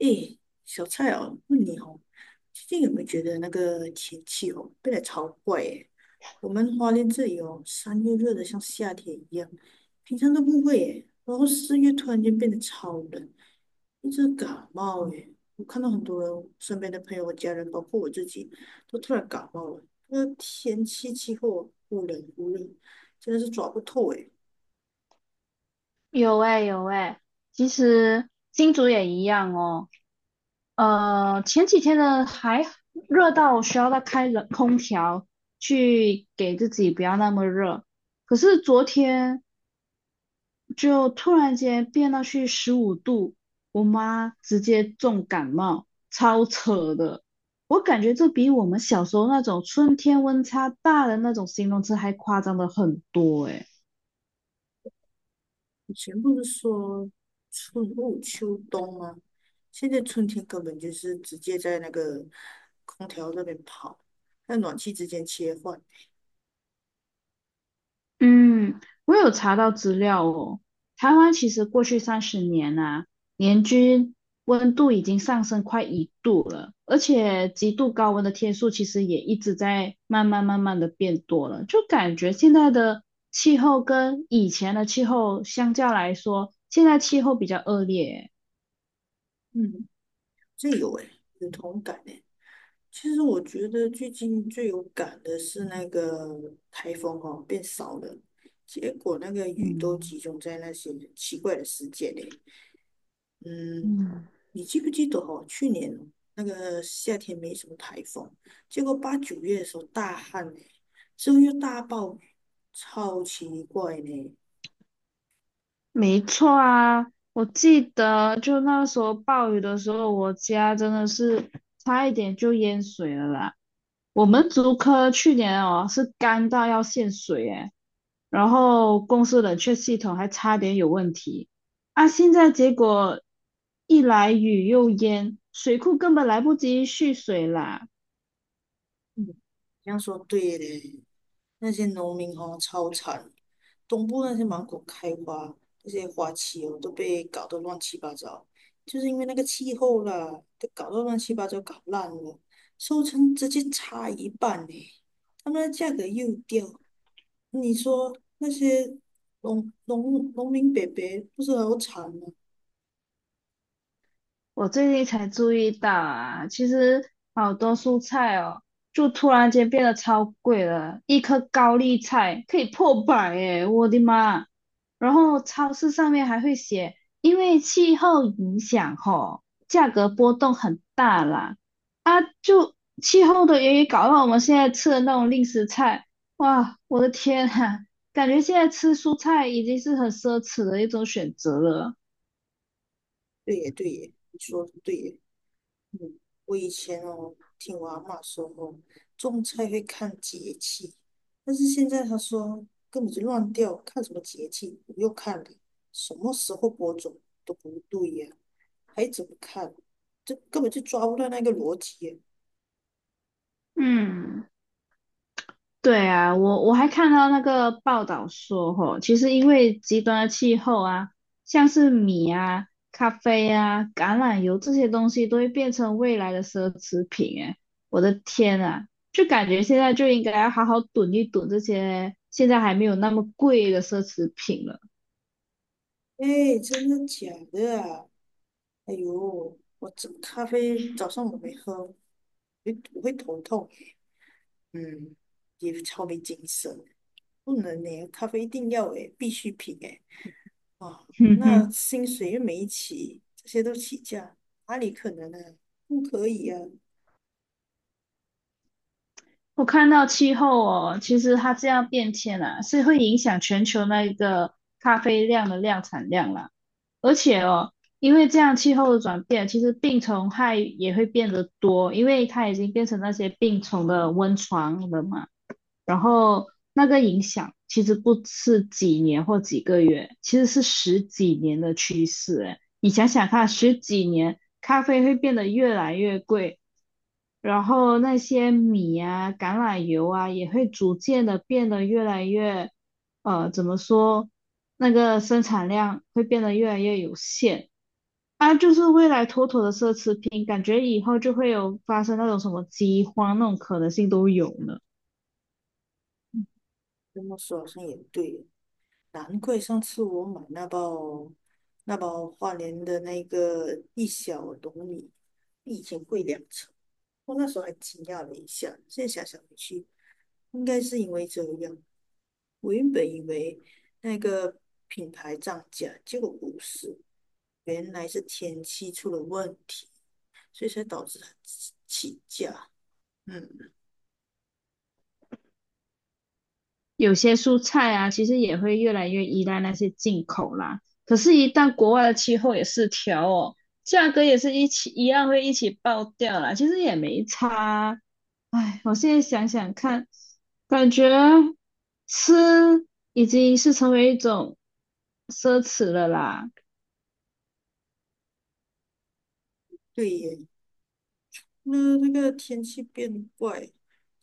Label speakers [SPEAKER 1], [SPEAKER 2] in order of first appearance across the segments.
[SPEAKER 1] 诶，小蔡哦，问你哦，最近有没有觉得那个天气哦变得超怪诶？我们花莲这里哦，三月热得像夏天一样，平常都不会诶，然后四月突然间变得超冷，一直感冒诶。我看到很多人身边的朋友、家人，包括我自己，都突然感冒了。那天气气候忽冷忽热，真的是抓不透诶。
[SPEAKER 2] 有哎、有哎、其实金竹也一样哦。前几天呢还热到需要再开冷空调去给自己不要那么热，可是昨天就突然间变到去15度，我妈直接重感冒，超扯的。我感觉这比我们小时候那种春天温差大的那种形容词还夸张的很多哎、
[SPEAKER 1] 以前不是说春捂秋冬吗？现在春天根本就是直接在那个空调那边跑，在暖气之间切换。
[SPEAKER 2] 嗯，我有查到资料哦。台湾其实过去30年啊，年均温度已经上升快1度了，而且极度高温的天数其实也一直在慢慢的变多了。就感觉现在的气候跟以前的气候相较来说，现在气候比较恶劣。
[SPEAKER 1] 嗯，这有诶，有同感诶。其实我觉得最近最有感的是那个台风哦，变少了，结果那个雨都
[SPEAKER 2] 嗯
[SPEAKER 1] 集中在那些奇怪的时节嘞。嗯，
[SPEAKER 2] 嗯，
[SPEAKER 1] 你记不记得哦？去年那个夏天没什么台风，结果八九月的时候大旱呢，之后又大暴雨，超奇怪呢。
[SPEAKER 2] 没错啊，我记得就那时候暴雨的时候，我家真的是差一点就淹水了啦。我们竹科去年哦是干到要限水诶，然后公司冷却系统还差点有问题啊！现在结果一来雨又淹，水库根本来不及蓄水啦。
[SPEAKER 1] 嗯，这样说对嘞，那些农民哦超惨，东部那些芒果开花，那些花期哦都被搞得乱七八糟，就是因为那个气候啦，都搞到乱七八糟，搞烂了，收成直接差一半呢，他们的价格又掉。你说那些农民伯伯不是很有产吗？
[SPEAKER 2] 我最近才注意到啊，其实好多蔬菜哦，就突然间变得超贵了，一颗高丽菜可以破百耶，我的妈！然后超市上面还会写，因为气候影响吼，价格波动很大啦。啊，就气候的原因搞到我们现在吃的那种令食菜，哇，我的天啊，感觉现在吃蔬菜已经是很奢侈的一种选择了。
[SPEAKER 1] 对耶，对耶，你说的对耶。嗯，我以前哦，听我阿嬷说哦，种菜会看节气，但是现在她说根本就乱掉，看什么节气？不用看了，什么时候播种都不对呀，还怎么看？这根本就抓不到那个逻辑耶。
[SPEAKER 2] 嗯。对啊，我还看到那个报道说，吼，其实因为极端的气候啊，像是米啊、咖啡啊、橄榄油这些东西都会变成未来的奢侈品。哎，我的天啊，就感觉现在就应该要好好囤一囤这些现在还没有那么贵的奢侈品了。
[SPEAKER 1] 哎，真的假的啊？哎呦，我这咖啡早上我没喝，我会头痛，嗯，也超没精神，不能呢，咖啡一定要诶，必需品诶，啊，
[SPEAKER 2] 哼
[SPEAKER 1] 那
[SPEAKER 2] 哼，
[SPEAKER 1] 薪水又没起，这些都起价，哪里可能呢、不可以啊，
[SPEAKER 2] 我看到气候哦，其实它这样变迁啊，是会影响全球那个咖啡量的量产量啦。而且哦，因为这样气候的转变，其实病虫害也会变得多，因为它已经变成那些病虫的温床了嘛。然后那个影响其实不是几年或几个月，其实是十几年的趋势。哎，你想想看，十几年咖啡会变得越来越贵，然后那些米啊、橄榄油啊也会逐渐的变得越来越，怎么说？那个生产量会变得越来越有限。啊，就是未来妥妥的奢侈品，感觉以后就会有发生那种什么饥荒那种可能性都有呢。
[SPEAKER 1] 这么说好像也对，难怪上次我买那包花莲的那个一小笼米，比以前贵两成，我那时候还惊讶了一下，现在想想回去。应该是因为这样。我原本以为那个品牌涨价，结果不是，原来是天气出了问题，所以才导致它起价。嗯，
[SPEAKER 2] 有些蔬菜啊，其实也会越来越依赖那些进口啦。可是，一旦国外的气候也失调哦，价格也是一起一样会一起爆掉啦。其实也没差啊唉，我现在想想看，感觉吃已经是成为一种奢侈了啦。
[SPEAKER 1] 对耶。那那个天气变怪，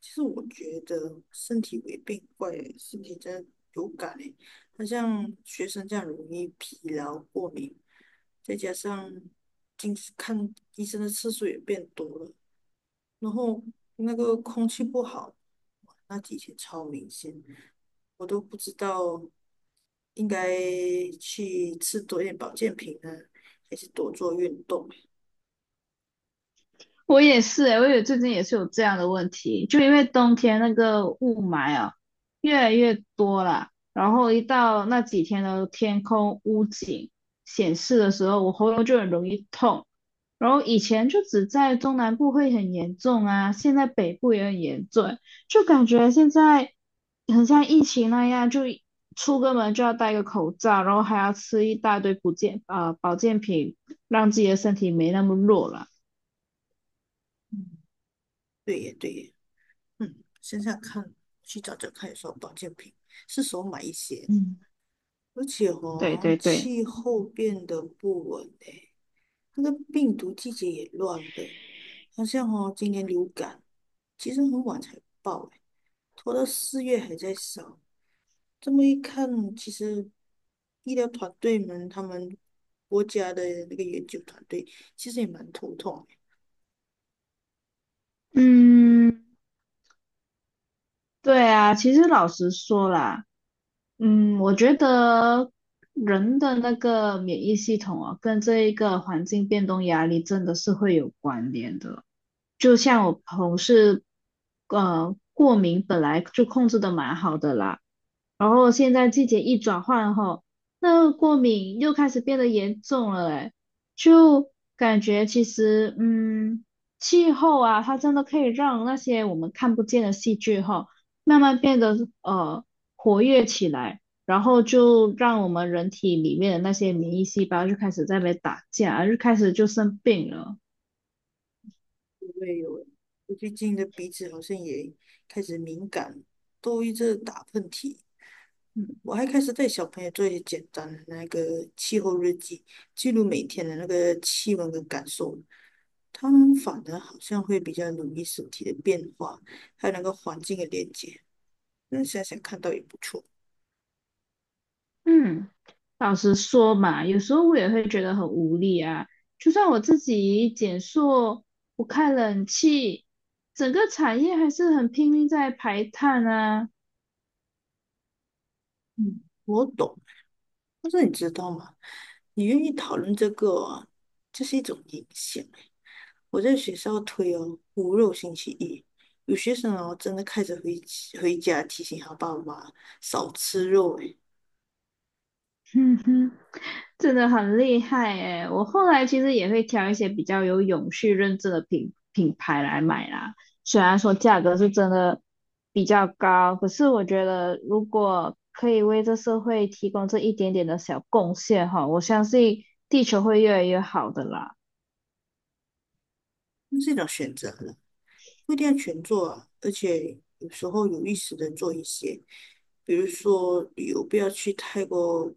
[SPEAKER 1] 其实我觉得身体也变怪耶，身体真的有感诶。那像学生这样容易疲劳、过敏，再加上近视看医生的次数也变多了，然后那个空气不好，那几天超明显，我都不知道应该去吃多一点保健品呢，还是多做运动。
[SPEAKER 2] 我也是诶，我也最近也是有这样的问题，就因为冬天那个雾霾啊越来越多了，然后一到那几天的天空屋景显示的时候，我喉咙就很容易痛。然后以前就只在中南部会很严重啊，现在北部也很严重，就感觉现在很像疫情那样，就出个门就要戴个口罩，然后还要吃一大堆保健啊、保健品，让自己的身体没那么弱了。
[SPEAKER 1] 嗯，对耶，对耶，嗯，想想看，去找找看有什么保健品，是时候买一些。
[SPEAKER 2] 嗯。
[SPEAKER 1] 而且
[SPEAKER 2] 对
[SPEAKER 1] 哦，
[SPEAKER 2] 对对，
[SPEAKER 1] 气候变得不稳诶，那个病毒季节也乱的，好像哦，今年流感其实很晚才爆诶，拖到四月还在烧。这么一看，其实医疗团队们，他们国家的那个研究团队，其实也蛮头痛的。
[SPEAKER 2] 嗯，对啊，其实老实说啦。嗯，我觉得人的那个免疫系统啊，跟这一个环境变动压力真的是会有关联的。就像我同事，过敏本来就控制的蛮好的啦，然后现在季节一转换后，那个过敏又开始变得严重了，诶，就感觉其实，嗯，气候啊，它真的可以让那些我们看不见的细菌哈。慢慢变得呃活跃起来，然后就让我们人体里面的那些免疫细胞就开始在那边打架，就开始就生病了。
[SPEAKER 1] 因为有，我最近的鼻子好像也开始敏感，都一直打喷嚏。嗯，我还开始带小朋友做一些简单的那个气候日记，记录每天的那个气温跟感受。他们反而好像会比较留意身体的变化，还有那个环境的连接。那想想看到也不错。
[SPEAKER 2] 嗯老实说嘛，有时候我也会觉得很无力啊。就算我自己减塑，不开冷气，整个产业还是很拼命在排碳啊。
[SPEAKER 1] 嗯，我懂。但是你知道吗？你愿意讨论这个啊，这是一种影响欸。我在学校推哦，无肉星期一，有学生哦真的开始回家提醒他爸妈少吃肉诶，
[SPEAKER 2] 嗯哼，真的很厉害诶，我后来其实也会挑一些比较有永续认证的品牌来买啦，虽然说价格是真的比较高，可是我觉得如果可以为这社会提供这一点点的小贡献哈，我相信地球会越来越好的啦。
[SPEAKER 1] 那是一种选择了，不一定要全做啊。而且有时候有意识的做一些，比如说旅游不要去太过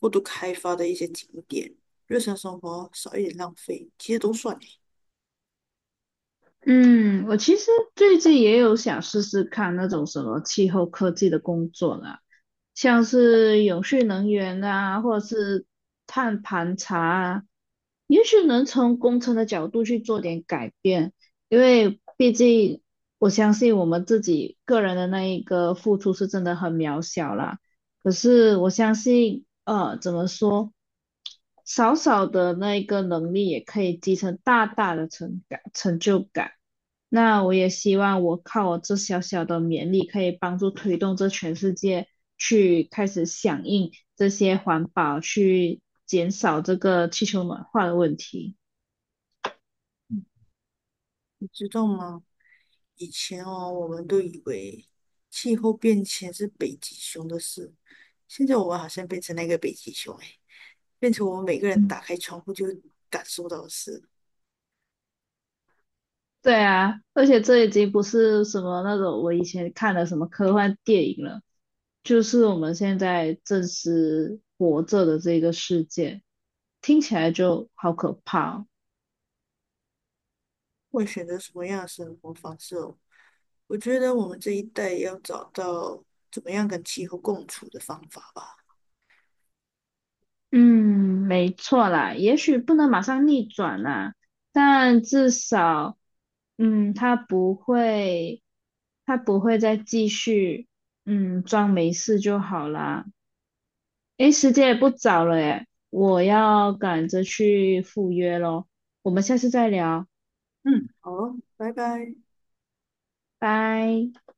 [SPEAKER 1] 过度开发的一些景点，日常生活少一点浪费，其实都算欸，
[SPEAKER 2] 嗯，我其实最近也有想试试看那种什么气候科技的工作啦，像是永续能源啊，或者是碳盘查啊，也许能从工程的角度去做点改变，因为毕竟我相信我们自己个人的那一个付出是真的很渺小啦。可是我相信，怎么说，少少的那一个能力也可以积成大大的成就感。那我也希望我靠我这小小的勉力，可以帮助推动这全世界去开始响应这些环保，去减少这个气球暖化的问题。
[SPEAKER 1] 你知道吗？以前哦，我们都以为气候变迁是北极熊的事，现在我们好像变成那个北极熊，哎，变成我们每个人打
[SPEAKER 2] 嗯。
[SPEAKER 1] 开窗户就感受到的事。
[SPEAKER 2] 对啊，而且这已经不是什么那种我以前看的什么科幻电影了，就是我们现在正是活着的这个世界，听起来就好可怕哦
[SPEAKER 1] 会选择什么样的生活方式哦？我觉得我们这一代要找到怎么样跟气候共处的方法吧。
[SPEAKER 2] 嗯，没错啦，也许不能马上逆转啦，但至少，嗯，它不会，它不会再继续，嗯，装没事就好啦。诶，时间也不早了诶，我要赶着去赴约咯。我们下次再聊，
[SPEAKER 1] 嗯，好哦拜拜。
[SPEAKER 2] 拜。